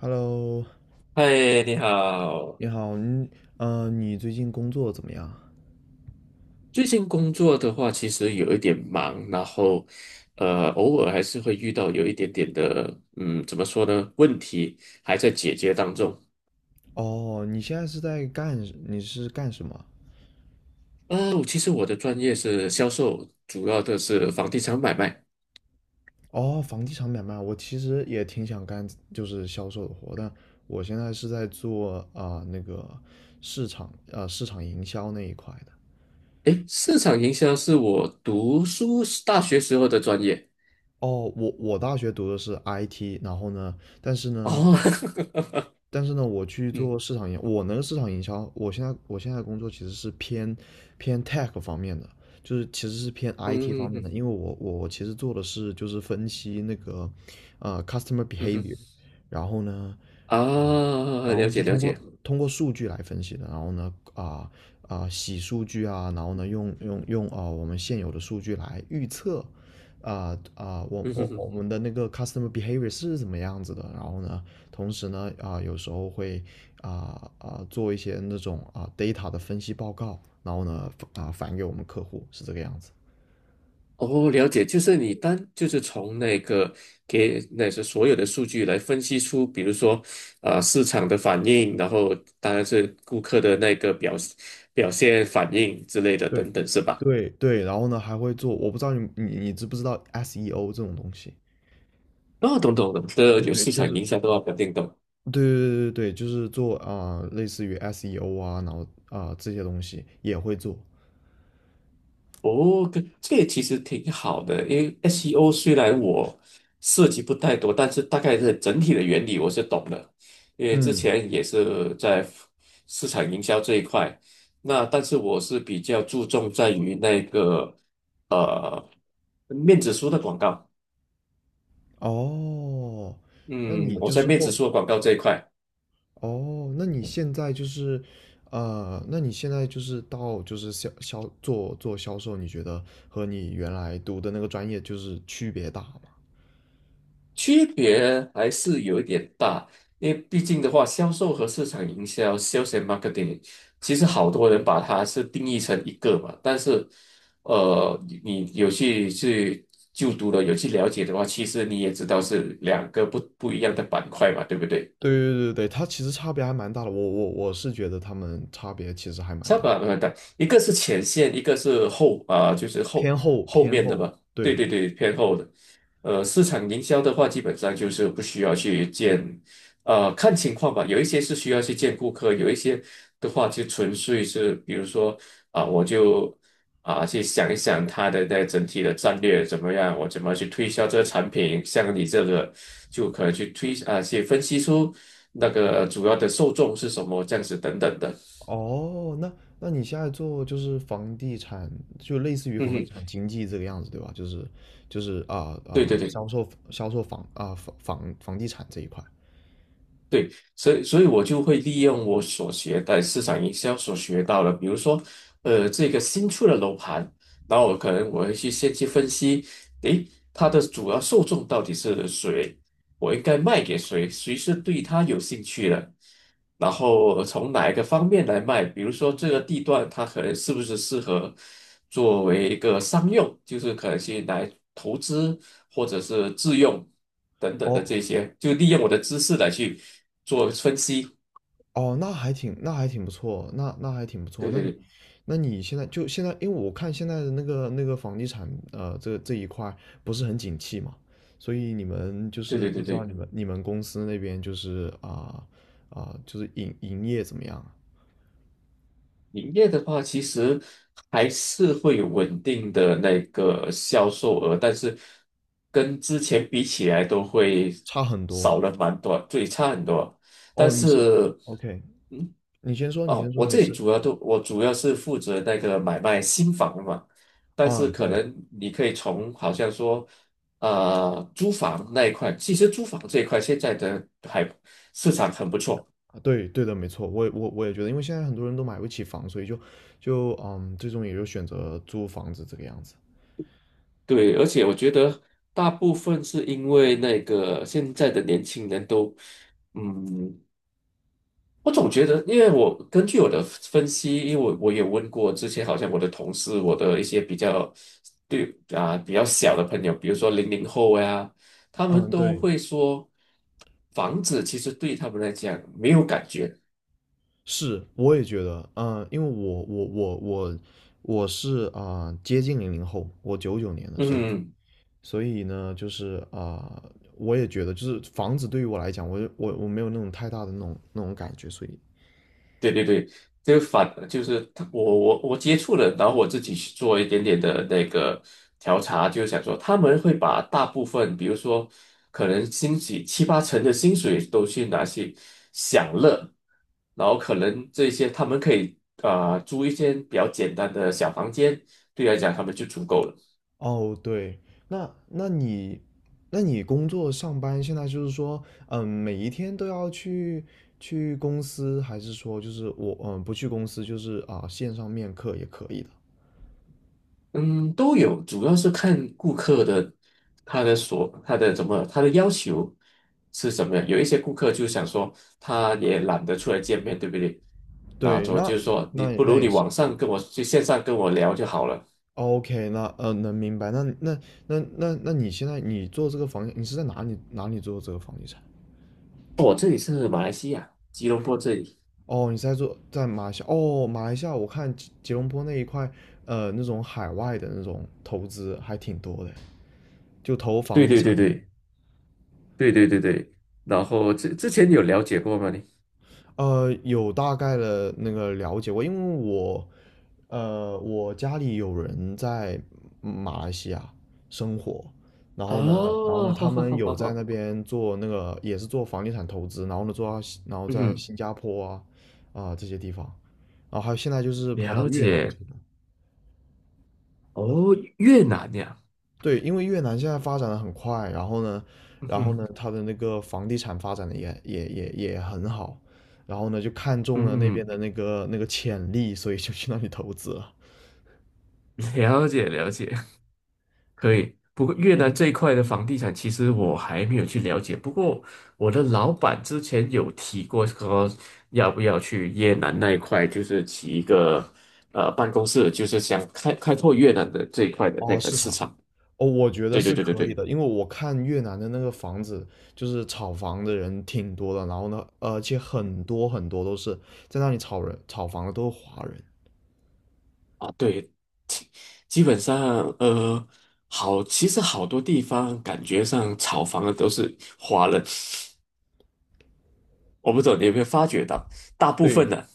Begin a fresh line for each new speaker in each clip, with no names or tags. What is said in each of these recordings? Hello，
嗨，你好。
你好，你最近工作怎么样？
最近工作的话，其实有一点忙，然后，偶尔还是会遇到有一点点的，怎么说呢？问题还在解决当中。
哦，你是干什么？
我其实的专业是销售，主要的是房地产买卖。
哦，房地产买卖，我其实也挺想干，就是销售的活，但我现在是在做那个市场营销那一块的。
诶，市场营销是我读书时大学时候的专业。
哦，我大学读的是 IT，然后呢，但是呢，
哦，
但是呢，
嗯
我那个市场营销，我现在工作其实是偏 tech 方面的，就是其实是偏 IT 方
嗯
面的，
嗯
因为我其实做的是就是分析那个customer
嗯嗯，
behavior，然后呢，
啊，
然
了
后是
解了
通过
解，
数据来分析的，然后呢洗数据啊，然后呢用我们现有的数据来预测我
嗯
我
哼
我
哼。
们的那个 customer behavior 是怎么样子的，然后呢同时呢有时候会做一些那种data 的分析报告，然后呢返给我们客户是这个样子。
哦，了解，就是你单就是从那个给那是所有的数据来分析出，比如说，市场的反应，然后当然是顾客的那个表现反应之类的
对
等等，是吧？
对对，然后呢还会做，我不知道你知不知道 SEO 这种东西。
哦，懂懂懂，这
对
有
对，
市
就
场营
是
销都要搞定懂。
对对对对，对，就是做类似于 SEO 啊，然后这些东西也会做。
哦，跟这个也其实挺好的，因为 SEO 虽然我涉及不太多，但是大概是整体的原理我是懂的，因为之
嗯，
前也是在市场营销这一块。那但是我是比较注重在于那个呃面子书的广告，
哦，那
嗯，
你
我
就
在
是
面子
后，
书的广告这一块。
哦，那你现在就是做销售，你觉得和你原来读的那个专业就是区别大吗？
区别还是有一点大，因为毕竟的话，销售和市场营销 （(sales and marketing) 其实好多人把它是定义成一个嘛，但是，你有去就读了，有去了解的话，其实你也知道是两个不一样的板块嘛，对不对？
对对对对，它其实差别还蛮大的，我是觉得他们差别其实还蛮
三
大，
把轮带，一个是前线，一个是后啊、就是后
偏后
后
偏
面的
后，
吧。对
对。
对对，偏后的。市场营销的话，基本上就是不需要去见，看情况吧。有一些是需要去见顾客，有一些的话就纯粹是，比如说我就去想一想他的那整体的战略怎么样，我怎么去推销这个产品。像你这个，就可能去推啊、去分析出那个主要的受众是什么，这样子等等的。
哦，那你现在做就是房地产，就类似于
嗯
房地产
哼。
经济这个样子，对吧？就是
对对对
销售销售房啊房房房地产这一块。
对，所以我就会利用我所学的市场营销所学到的，比如说，这个新出的楼盘，然后我可能会去先去分析，诶，它的主要受众到底是谁，我应该卖给谁，谁是对它有兴趣的，然后从哪一个方面来卖？比如说这个地段，它可能是不是适合作为一个商用，就是可能去来投资或者是自用等等的
哦
这些，就利用我的知识来去做分析。
哦，那还挺不错，那还挺不错。
对
那
对
你
对
那你现在就现在，因为我看现在的那个房地产这一块不是很景气嘛，所以你们就
对
是
对
不
对
知道你
对。
们你们公司那边就是营业怎么样啊
营业的话，其实还是会有稳定的那个销售额，但是跟之前比起来都会
差很多。
少了蛮多，最差很多。但
哦，
是，
OK,
嗯，
你先说，你先
哦，
说，
我
没
这里
事。
主要是负责那个买卖新房的嘛，但是
啊，
可
对，
能你可以从好像说，租房那一块，其实租房这一块现在的还市场很不错。
啊，对，对的，没错，我也觉得，因为现在很多人都买不起房，所以就最终也就选择租房子这个样子。
对，而且我觉得大部分是因为那个现在的年轻人都，嗯，我总觉得，因为我根据我的分析，因为我也问过之前好像我的同事，我的一些比较对啊比较小的朋友，比如说00后呀，他们
嗯，
都
对，
会说，房子其实对他们来讲没有感觉，
是，我也觉得，因为我是接近00后，我99年的，所以
嗯。
所以呢，就是我也觉得，就是房子对于我来讲，我就我我没有那种太大的那种感觉，所以
对对对，就就是他，我接触了，然后我自己去做一点点的那个调查，就是想说他们会把大部分，比如说可能薪水七八成的薪水都去拿去享乐，然后可能这些他们可以租一间比较简单的小房间，对来讲他们就足够了。
哦，对，那那你，那你工作上班现在就是说，每一天都要去公司，还是说就是我不去公司，就是线上面课也可以的。
嗯，都有，主要是看顾客的他的所他的怎么他的要求是什么样。有一些顾客就想说，他也懒得出来见面，对不对？那
对，
我
那
就是说，你
那
不
那
如
也
你
是
网
对。
上跟我去线上跟我聊就好了。
OK,那能明白。那你现在你做这个房地，你是在哪里做这个房地产？
我这里是马来西亚吉隆坡这里。
哦，你是在做在马来西亚？哦，马来西亚我看吉隆坡那一块，那种海外的那种投资还挺多的。就投房
对
地
对
产。
对对对对对对。然后之前有了解过吗你？
有大概的那个了解过，因为我家里有人在马来西亚生活，然后呢，然后
哦，
呢，
好
他
好
们
好好
有在那
好，
边做那个也是做房地产投资，然后呢，做到新然后在
嗯，
新加坡这些地方，然后还有现在就是跑到
了
越南
解。
去了。
哦，越南呀，
对，因为越南现在发展的很快，然后呢，
嗯
然后
哼，
呢，它的那个房地产发展的也很好，然后呢，就看中
嗯
了那边
哼，
的那个潜力，所以就去那里投资了。
了解了解。可以，不过越南这一块的房地产，其实我还没有去了解。不过我的老板之前有提过，说要不要去越南那一块，就是起一个办公室，就是想开拓越南的这一块的那
哦，
个
市
市
场，
场。
哦，我觉得
对对
是
对对
可以
对，
的，因为我看越南的那个房子，就是炒房的人挺多的，然后呢，而且很多都是在那里炒房的都是华人。
啊对，基本上呃好，其实好多地方感觉上炒房的都是华人，我不懂你有没有发觉到，大部分
对。
呢、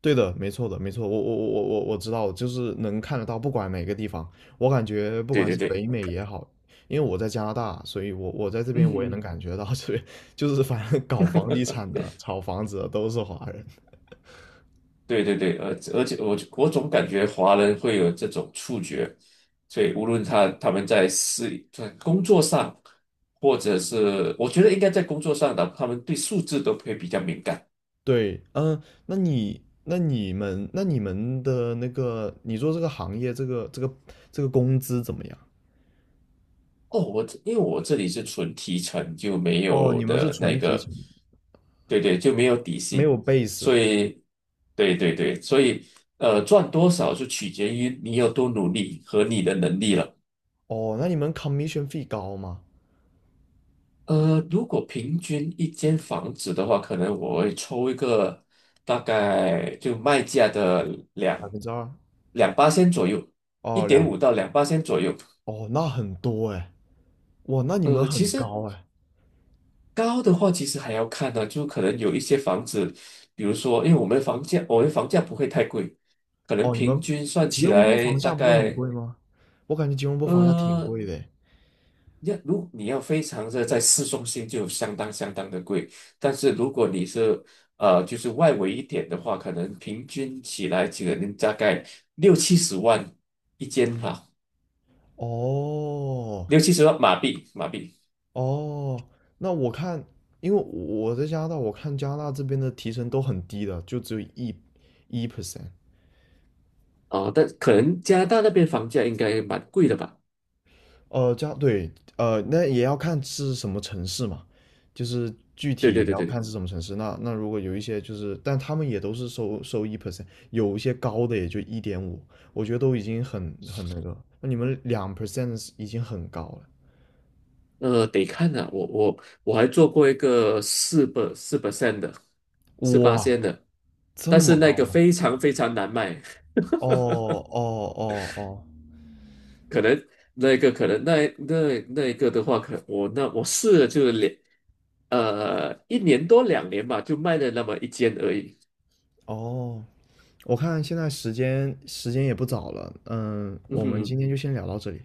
对的，没错的，没错，我知道，就是能看得到，不管哪个地方，我感觉不
对
管
对
是
对，
北美也好，因为我在加拿大，所以我在这边我也能
嗯。
感觉到这边就是反正搞房地产的、炒房子的都是华人。
对对对，而且我总感觉华人会有这种触觉，所以无论他们在私在工作上，或者是我觉得应该在工作上的，他们对数字都会比较敏感。
对，嗯，那你们的那个，你做这个行业，这个工资怎么样？
哦，因为我这里是纯提成，就没
哦，
有
你们是
的那
纯提
个，
成，
对对，就没有底
没有
薪，
base。
所以对对对，所以赚多少就取决于你有多努力和你的能力了。
哦，那你们 commission fee 高吗？
如果平均一间房子的话，可能我会抽一个大概就卖价的
百
两
分之二？
两八千左右，一
哦，
点五到两八千左右。
哦，那很多哎。哇，那你们
其
很
实
高哎、
高的话，其实还要看呢、就可能有一些房子，比如说，因为我们房价不会太贵，可能
哦，你
平
们
均算
吉
起
隆坡
来
房
大
价不会很
概，
贵吗？我感觉吉隆坡房价挺
呃，
贵的诶
你要非常的在市中心就相当相当的贵，但是如果你是就是外围一点的话，可能平均起来可能大概六七十万一间吧，
哦
六七十万马币。
哦，那我看，因为我在加拿大，我看加拿大这边的提成都很低的，就只有一 percent。
哦，但可能加拿大那边房价应该蛮贵的吧？
这样对，那也要看是什么城市嘛，就是具
对
体也
对对
要
对
看
对，
是什么城市。那如果有一些就是，但他们也都是收一 percent,有一些高的也就1.5，我觉得都已经很那个那你们2% 已经很高了，
得看啊，我还做过一个4% 的，四八
哇，
线的，
这
但
么
是那
高
个
吗？
非常非常难卖。
哦哦哦
可能那一个可能那那那一个的话，可我那我试了就是一年多两年吧，就卖了那么一间而已。
哦哦，我看现在时间也不早了，嗯，
嗯
我们今
哼，
天就先聊到这里。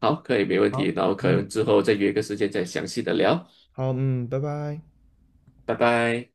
好，可以，没问题。
好，
然后可
嗯，
能之后再约个时间再详细的聊，
好，嗯，拜拜。
拜拜。